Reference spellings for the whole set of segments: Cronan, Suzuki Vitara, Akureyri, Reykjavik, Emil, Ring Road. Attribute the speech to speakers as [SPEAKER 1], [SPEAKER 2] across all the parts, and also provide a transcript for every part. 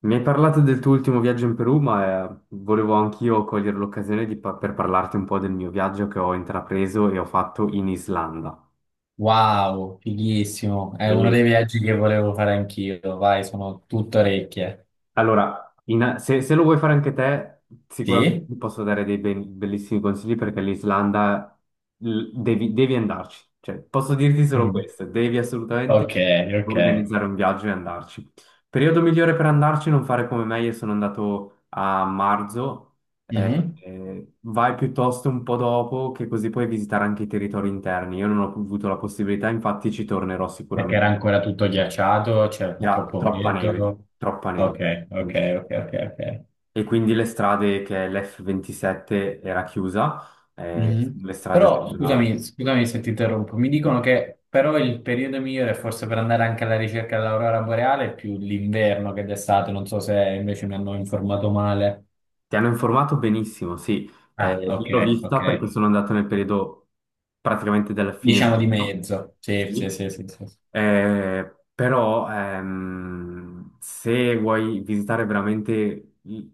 [SPEAKER 1] Mi hai parlato del tuo ultimo viaggio in Perù, ma volevo anch'io cogliere l'occasione di per parlarti un po' del mio viaggio che ho intrapreso e ho fatto in Islanda.
[SPEAKER 2] Wow, fighissimo. È uno dei
[SPEAKER 1] Sì.
[SPEAKER 2] viaggi che volevo fare anch'io. Vai, sono tutto orecchie.
[SPEAKER 1] Allora, se lo vuoi fare anche te, sicuramente
[SPEAKER 2] Sì?
[SPEAKER 1] ti posso dare dei bellissimi consigli perché l'Islanda devi andarci. Cioè, posso dirti solo
[SPEAKER 2] Mhm.
[SPEAKER 1] questo, devi
[SPEAKER 2] Ok,
[SPEAKER 1] assolutamente
[SPEAKER 2] ok.
[SPEAKER 1] organizzare un viaggio e andarci. Periodo migliore per andarci, non fare come me, io sono andato a marzo.
[SPEAKER 2] Mhm.
[SPEAKER 1] Vai piuttosto un po' dopo, che così puoi visitare anche i territori interni. Io non ho avuto la possibilità, infatti ci tornerò
[SPEAKER 2] Perché era
[SPEAKER 1] sicuramente.
[SPEAKER 2] ancora tutto ghiacciato, c'era
[SPEAKER 1] Era
[SPEAKER 2] troppo
[SPEAKER 1] troppa neve,
[SPEAKER 2] freddo.
[SPEAKER 1] troppa neve.
[SPEAKER 2] Ok,
[SPEAKER 1] Mm.
[SPEAKER 2] ok, ok, ok, ok.
[SPEAKER 1] E quindi le strade, che l'F27 era chiusa,
[SPEAKER 2] Mhm.
[SPEAKER 1] le strade
[SPEAKER 2] Però,
[SPEAKER 1] sterrate.
[SPEAKER 2] scusami se ti interrompo. Mi dicono
[SPEAKER 1] Mhm.
[SPEAKER 2] che però il periodo migliore forse per andare anche alla ricerca dell'aurora boreale è più l'inverno che d'estate. Non so se invece mi hanno informato male.
[SPEAKER 1] Ti hanno informato benissimo, sì.
[SPEAKER 2] Ah, ok,
[SPEAKER 1] Io l'ho
[SPEAKER 2] ok.
[SPEAKER 1] vista perché sono andato nel periodo praticamente della fine
[SPEAKER 2] Diciamo di
[SPEAKER 1] inverno,
[SPEAKER 2] mezzo. Sì, sì,
[SPEAKER 1] sì.
[SPEAKER 2] sì, sì, sì.
[SPEAKER 1] Però se vuoi visitare veramente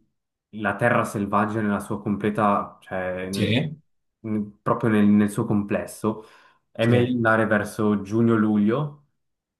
[SPEAKER 1] la terra selvaggia nella sua completa, cioè nel-
[SPEAKER 2] Sì.
[SPEAKER 1] nel- proprio nel, nel suo complesso, è meglio
[SPEAKER 2] Sì.
[SPEAKER 1] andare verso giugno-luglio,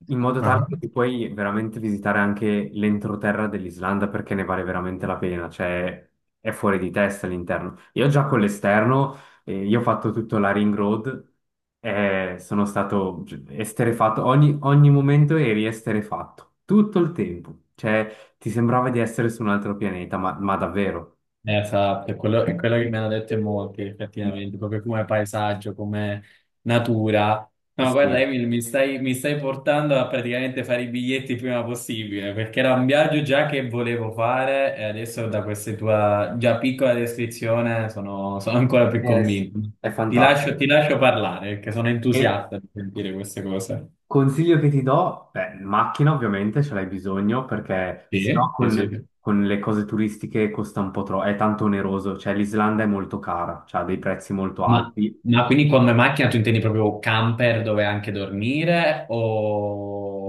[SPEAKER 1] in modo tale
[SPEAKER 2] Ah.
[SPEAKER 1] che tu puoi veramente visitare anche l'entroterra dell'Islanda perché ne vale veramente la pena, cioè è fuori di testa l'interno. Io già con l'esterno, io ho fatto tutto la Ring Road, e sono stato esterefatto, ogni, ogni momento eri esterefatto, tutto il tempo, cioè ti sembrava di essere su un altro pianeta, ma davvero.
[SPEAKER 2] Esatto, è quello che mi hanno detto in molti, effettivamente, proprio come paesaggio, come natura. No, guarda,
[SPEAKER 1] Sì,
[SPEAKER 2] Emil, mi stai portando a praticamente fare i biglietti il prima possibile, perché era un viaggio già che volevo fare e adesso da questa tua già piccola descrizione sono, sono ancora più
[SPEAKER 1] eh sì,
[SPEAKER 2] convinto.
[SPEAKER 1] è
[SPEAKER 2] Ti lascio,
[SPEAKER 1] fantastico.
[SPEAKER 2] ti lascio parlare, perché sono
[SPEAKER 1] E
[SPEAKER 2] entusiasta di sentire queste cose.
[SPEAKER 1] consiglio che ti do, beh, macchina ovviamente ce l'hai bisogno perché
[SPEAKER 2] Sì.
[SPEAKER 1] sennò
[SPEAKER 2] Sì, sì, sì.
[SPEAKER 1] con le cose turistiche costa un po' troppo, è tanto oneroso, cioè l'Islanda è molto cara, cioè ha dei prezzi molto
[SPEAKER 2] Ma,
[SPEAKER 1] alti.
[SPEAKER 2] ma quindi come macchina tu intendi proprio camper dove anche dormire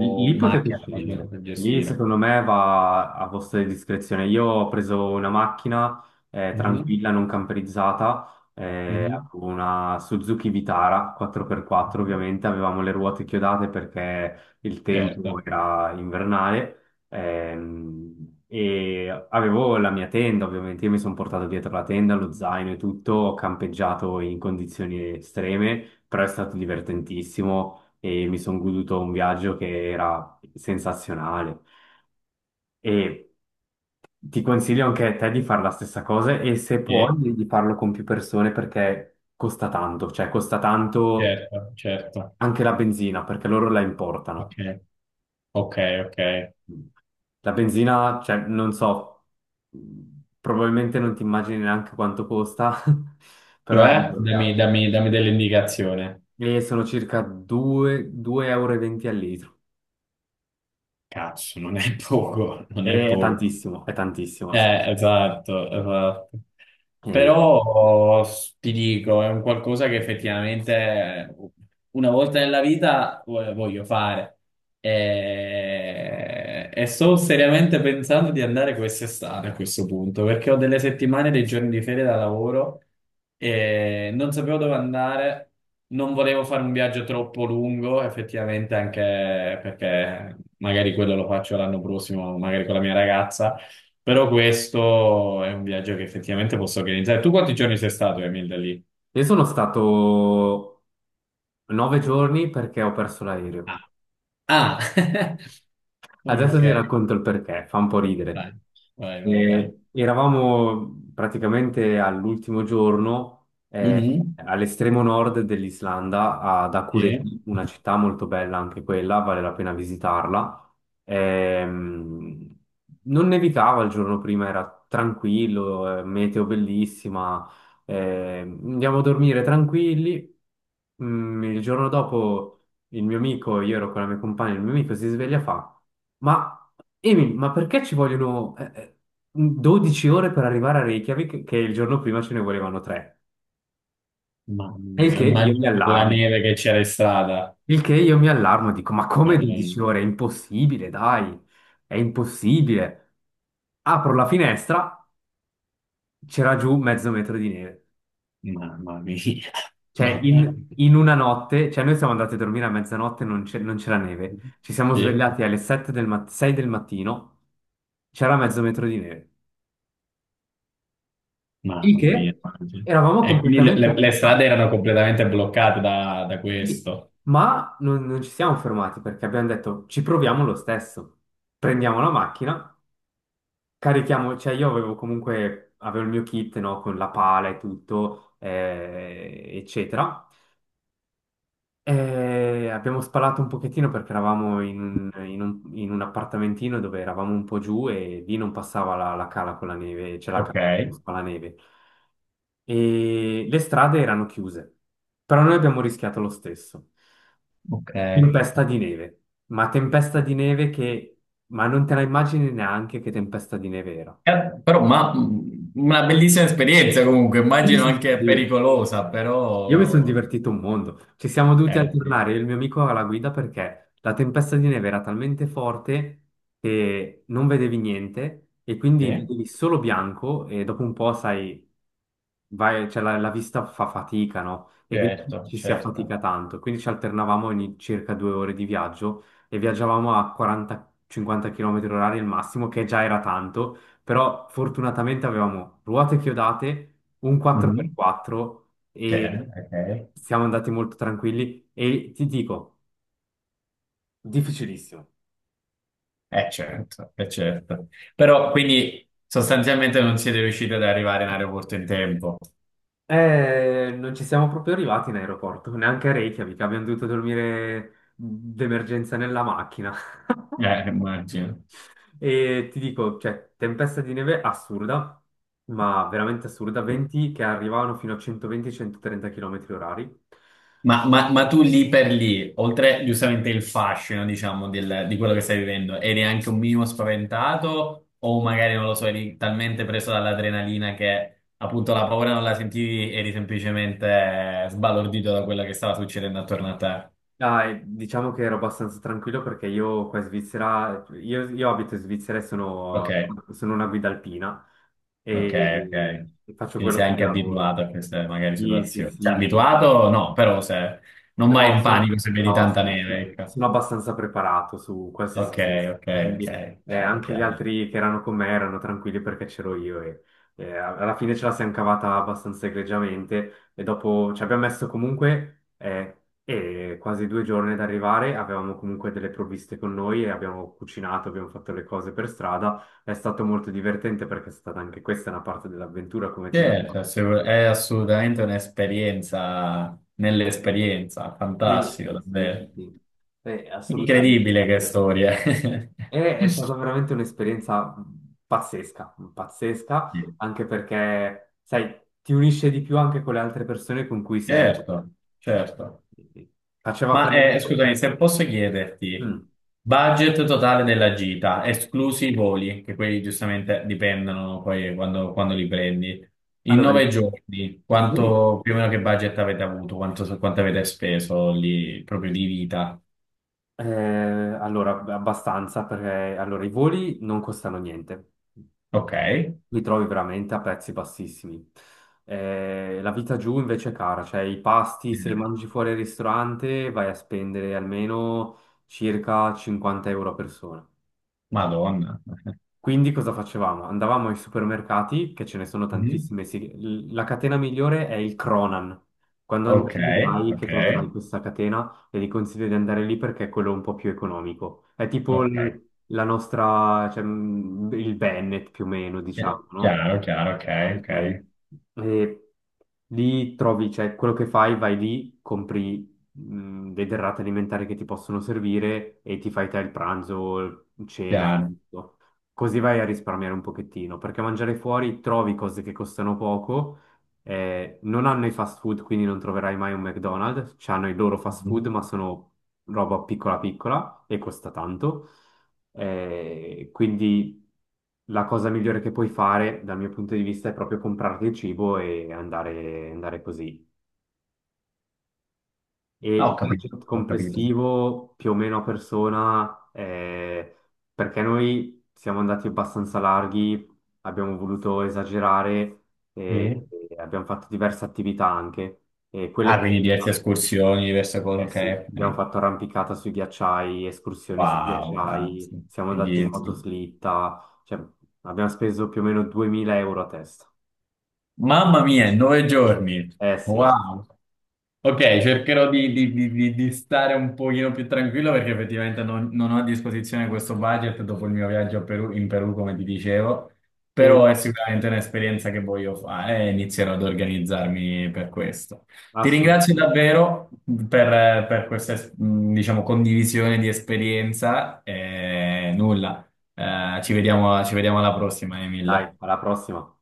[SPEAKER 1] Lì lì potete
[SPEAKER 2] macchina semplicemente
[SPEAKER 1] scegliere,
[SPEAKER 2] per
[SPEAKER 1] lì
[SPEAKER 2] gestire?
[SPEAKER 1] secondo me va a vostra discrezione. Io ho preso una macchina
[SPEAKER 2] Mhm,
[SPEAKER 1] tranquilla, non camperizzata,
[SPEAKER 2] mhm,
[SPEAKER 1] avevo una Suzuki Vitara 4x4
[SPEAKER 2] mhm.
[SPEAKER 1] ovviamente, avevamo le ruote chiodate perché il tempo
[SPEAKER 2] Certo,
[SPEAKER 1] era invernale, e avevo la mia tenda ovviamente, io mi sono portato dietro la tenda, lo zaino e tutto, ho campeggiato in condizioni estreme, però è stato divertentissimo e mi sono goduto un viaggio che era sensazionale. E ti consiglio anche a te di fare la stessa cosa e se puoi
[SPEAKER 2] sì,
[SPEAKER 1] di farlo con più persone perché costa tanto, cioè costa tanto
[SPEAKER 2] certo, certo.
[SPEAKER 1] anche la benzina perché loro la
[SPEAKER 2] Ok,
[SPEAKER 1] importano.
[SPEAKER 2] ok, ok.
[SPEAKER 1] La benzina, cioè, non so, probabilmente non ti immagini neanche quanto costa, però è
[SPEAKER 2] Cioè,
[SPEAKER 1] proprio
[SPEAKER 2] dammi,
[SPEAKER 1] caro.
[SPEAKER 2] dammi, dammi dell'indicazione.
[SPEAKER 1] E sono circa 2, 2,20 euro e venti al litro.
[SPEAKER 2] Cazzo, non è poco, non è
[SPEAKER 1] E è
[SPEAKER 2] poco.
[SPEAKER 1] tantissimo, è tantissimo.
[SPEAKER 2] Esatto, esatto.
[SPEAKER 1] Sì.
[SPEAKER 2] Però ti dico, è un qualcosa che effettivamente una volta nella vita voglio fare. E sto seriamente pensando di andare quest'estate a questo punto, perché ho delle settimane, dei giorni di ferie da lavoro e non sapevo dove andare, non volevo fare un viaggio troppo lungo, effettivamente anche perché magari quello lo faccio l'anno prossimo, magari con la mia ragazza. Però questo è un viaggio che effettivamente posso organizzare. Tu quanti giorni sei stato, Emil, da lì?
[SPEAKER 1] Io sono stato 9 giorni perché ho perso
[SPEAKER 2] Ah,
[SPEAKER 1] l'aereo.
[SPEAKER 2] Ah.
[SPEAKER 1] Adesso
[SPEAKER 2] Ok,
[SPEAKER 1] ti racconto il perché, fa un po' ridere.
[SPEAKER 2] vai, vai, vai.
[SPEAKER 1] Eravamo praticamente all'ultimo giorno,
[SPEAKER 2] Mhm.
[SPEAKER 1] all'estremo nord dell'Islanda, ad
[SPEAKER 2] Sì.
[SPEAKER 1] Akureyri, una città molto bella anche quella, vale la pena visitarla. Ehm, Non nevicava il giorno prima, era tranquillo, meteo bellissima, andiamo a dormire tranquilli. Il giorno dopo il mio amico, io ero con la mia compagna, il mio amico si sveglia e fa. Ma Emi, ma perché ci vogliono 12 ore per arrivare a Reykjavik, che il giorno prima ce ne volevano 3?
[SPEAKER 2] Mamma
[SPEAKER 1] E il
[SPEAKER 2] mia,
[SPEAKER 1] che io mi
[SPEAKER 2] immagino per la
[SPEAKER 1] allarmo.
[SPEAKER 2] neve che c'era in strada.
[SPEAKER 1] Il che io mi allarmo, dico, ma come 12
[SPEAKER 2] Madonna,
[SPEAKER 1] ore? È impossibile, dai, è impossibile. Apro la finestra, c'era giù mezzo metro di neve.
[SPEAKER 2] mamma mia,
[SPEAKER 1] Cioè,
[SPEAKER 2] mamma mia.
[SPEAKER 1] in una notte, cioè noi siamo andati a dormire a mezzanotte, non c'era neve. Ci siamo
[SPEAKER 2] Sì,
[SPEAKER 1] svegliati alle 6 del mattino, c'era mezzo metro di neve. Il
[SPEAKER 2] mamma mia.
[SPEAKER 1] che
[SPEAKER 2] Immagino.
[SPEAKER 1] eravamo
[SPEAKER 2] E quindi le,
[SPEAKER 1] completamente
[SPEAKER 2] le strade
[SPEAKER 1] informati.
[SPEAKER 2] erano completamente bloccate da, da
[SPEAKER 1] Sì,
[SPEAKER 2] questo.
[SPEAKER 1] ma non ci siamo fermati perché abbiamo detto ci proviamo lo stesso. Prendiamo la macchina, carichiamo, cioè io avevo comunque, avevo il mio kit, no, con la pala e tutto, eccetera. E abbiamo spalato un pochettino perché eravamo in un appartamentino dove eravamo un po' giù e lì non passava la cala con la neve, c'è la
[SPEAKER 2] Ok,
[SPEAKER 1] cala con la neve. E le strade erano chiuse, però noi abbiamo rischiato lo stesso.
[SPEAKER 2] ok.
[SPEAKER 1] Tempesta di neve, ma tempesta di neve che... ma non te la immagini neanche che tempesta di neve era.
[SPEAKER 2] Però, ma una bellissima esperienza comunque,
[SPEAKER 1] Sì,
[SPEAKER 2] immagino
[SPEAKER 1] sì,
[SPEAKER 2] anche
[SPEAKER 1] sì.
[SPEAKER 2] pericolosa,
[SPEAKER 1] Io mi sono
[SPEAKER 2] però...
[SPEAKER 1] divertito un mondo. Ci siamo dovuti
[SPEAKER 2] Sì,
[SPEAKER 1] alternare io e il mio amico alla guida perché la tempesta di neve era talmente forte che non vedevi niente e
[SPEAKER 2] sì,
[SPEAKER 1] quindi vedevi solo bianco e dopo un po', sai, vai- cioè, la vista fa fatica, no? E quindi
[SPEAKER 2] certo,
[SPEAKER 1] ci si affatica
[SPEAKER 2] certo.
[SPEAKER 1] tanto. Quindi ci alternavamo ogni circa 2 ore di viaggio e viaggiavamo a 40-50 km orari il massimo, che già era tanto, però fortunatamente avevamo ruote chiodate, un
[SPEAKER 2] Mhm,
[SPEAKER 1] 4x4 e
[SPEAKER 2] certo, ok.
[SPEAKER 1] siamo andati molto tranquilli e ti dico, difficilissimo.
[SPEAKER 2] Certo, certo. Però, quindi, sostanzialmente non siete riusciti ad arrivare in aeroporto in tempo.
[SPEAKER 1] Non ci siamo proprio arrivati in aeroporto, neanche a Reykjavik, abbiamo dovuto dormire d'emergenza nella macchina.
[SPEAKER 2] Immagino.
[SPEAKER 1] E ti dico, cioè, tempesta di neve assurda, ma veramente assurda, venti che arrivavano fino a 120-130 km orari.
[SPEAKER 2] Ma, ma tu lì per lì, oltre giustamente il fascino, diciamo, di quello che stai vivendo, eri anche un minimo spaventato o magari, non lo so, eri talmente preso dall'adrenalina che appunto la paura non la sentivi, eri semplicemente sbalordito da quello che stava succedendo attorno a te?
[SPEAKER 1] Dai, diciamo che ero abbastanza tranquillo perché io qua in Svizzera, io abito in Svizzera e
[SPEAKER 2] Ok,
[SPEAKER 1] sono una guida alpina
[SPEAKER 2] ok, ok.
[SPEAKER 1] e faccio
[SPEAKER 2] Quindi
[SPEAKER 1] quello
[SPEAKER 2] sei
[SPEAKER 1] come
[SPEAKER 2] anche
[SPEAKER 1] lavoro.
[SPEAKER 2] abituato a queste magari
[SPEAKER 1] Sì, sì,
[SPEAKER 2] situazioni. Cioè,
[SPEAKER 1] sì.
[SPEAKER 2] abituato? No, però se non vai
[SPEAKER 1] No,
[SPEAKER 2] in
[SPEAKER 1] sono,
[SPEAKER 2] panico se vedi
[SPEAKER 1] no,
[SPEAKER 2] tanta
[SPEAKER 1] so,
[SPEAKER 2] neve,
[SPEAKER 1] sono-
[SPEAKER 2] ecco.
[SPEAKER 1] sono abbastanza preparato su
[SPEAKER 2] Ok,
[SPEAKER 1] qualsiasi cosa,
[SPEAKER 2] ok, ok,
[SPEAKER 1] quindi
[SPEAKER 2] chiaro,
[SPEAKER 1] anche gli
[SPEAKER 2] chiaro.
[SPEAKER 1] altri che erano con me erano tranquilli perché c'ero io e alla fine ce la siamo cavata abbastanza egregiamente e dopo ci abbiamo messo comunque quasi 2 giorni ad arrivare, avevamo comunque delle provviste con noi e abbiamo cucinato, abbiamo fatto le cose per strada, è stato molto divertente perché è stata anche questa una parte dell'avventura, come ti dico.
[SPEAKER 2] Certo, è assolutamente un'esperienza nell'esperienza,
[SPEAKER 1] Sì,
[SPEAKER 2] fantastico,
[SPEAKER 1] sì, sì.
[SPEAKER 2] davvero.
[SPEAKER 1] Sì. Assolutamente.
[SPEAKER 2] Incredibile che storia.
[SPEAKER 1] E è stata veramente un'esperienza pazzesca, pazzesca,
[SPEAKER 2] Sì.
[SPEAKER 1] anche perché, sai, ti unisce di più anche con le altre persone con cui sei.
[SPEAKER 2] Certo, certo.
[SPEAKER 1] Eh, Faceva
[SPEAKER 2] Ma
[SPEAKER 1] freddo.
[SPEAKER 2] scusami, se posso chiederti,
[SPEAKER 1] Mm.
[SPEAKER 2] budget totale della gita, esclusi i voli, che quelli giustamente dipendono poi quando, quando li prendi. In
[SPEAKER 1] Allora,
[SPEAKER 2] 9 giorni,
[SPEAKER 1] i voli,
[SPEAKER 2] quanto più o meno che budget avete avuto, quanto, quanto avete speso lì proprio di vita?
[SPEAKER 1] eh, allora, abbastanza, perché allora, i voli non costano niente.
[SPEAKER 2] Ok.
[SPEAKER 1] Li trovi veramente a prezzi bassissimi. La vita giù invece è cara, cioè i pasti, se mangi fuori al ristorante, vai a spendere almeno circa 50 euro a persona.
[SPEAKER 2] Madonna.
[SPEAKER 1] Quindi cosa facevamo? Andavamo ai supermercati, che ce ne sono
[SPEAKER 2] Mhm.
[SPEAKER 1] tantissime, la catena migliore è il Cronan. Quando
[SPEAKER 2] Ok,
[SPEAKER 1] andrai vedrai che
[SPEAKER 2] ok,
[SPEAKER 1] troverai questa catena e ti consiglio di andare lì perché è quello un po' più economico. È tipo
[SPEAKER 2] ok.
[SPEAKER 1] la nostra, cioè, il Bennett più o meno,
[SPEAKER 2] Chi-
[SPEAKER 1] diciamo, no?
[SPEAKER 2] Chiaro, chiaro, ok, ok.
[SPEAKER 1] Ok. E lì trovi, cioè, quello che fai, vai lì, compri le derrate alimentari che ti possono servire e ti fai te il pranzo, cena e
[SPEAKER 2] Chiaro.
[SPEAKER 1] tutto. Così vai a risparmiare un pochettino, perché mangiare fuori trovi cose che costano poco, non hanno i fast food, quindi non troverai mai un McDonald's, hanno i loro fast food,
[SPEAKER 2] Mhm.
[SPEAKER 1] ma sono roba piccola piccola e costa tanto. Quindi la cosa migliore che puoi fare, dal mio punto di vista, è proprio comprarti il cibo e andare, andare così. E
[SPEAKER 2] Ah, ho
[SPEAKER 1] il
[SPEAKER 2] capito,
[SPEAKER 1] budget
[SPEAKER 2] ho capito.
[SPEAKER 1] complessivo più o meno a persona, perché noi siamo andati abbastanza larghi, abbiamo voluto esagerare
[SPEAKER 2] Sì.
[SPEAKER 1] e, abbiamo fatto diverse attività anche. E
[SPEAKER 2] Ah,
[SPEAKER 1] quelle
[SPEAKER 2] quindi diverse escursioni, diverse cose,
[SPEAKER 1] eh sì,
[SPEAKER 2] ok,
[SPEAKER 1] abbiamo
[SPEAKER 2] ok.
[SPEAKER 1] fatto arrampicata sui ghiacciai, escursioni sui
[SPEAKER 2] Wow,
[SPEAKER 1] ghiacciai,
[SPEAKER 2] cazzo.
[SPEAKER 1] siamo andati in
[SPEAKER 2] Fighissimo.
[SPEAKER 1] motoslitta, cioè abbiamo speso più o meno 2000 euro a testa.
[SPEAKER 2] Mamma mia, 9 giorni.
[SPEAKER 1] Eh sì,
[SPEAKER 2] Wow. Ok, cercherò di, di stare un pochino più tranquillo perché effettivamente non, non ho a disposizione questo budget dopo il mio viaggio a in Perù, come ti dicevo,
[SPEAKER 1] e
[SPEAKER 2] però è sicuramente un'esperienza che voglio fare e inizierò ad organizzarmi per questo. Ti ringrazio
[SPEAKER 1] assolutamente.
[SPEAKER 2] davvero per questa, diciamo, condivisione di esperienza e nulla, ci vediamo alla prossima, Emil.
[SPEAKER 1] Dai, alla prossima.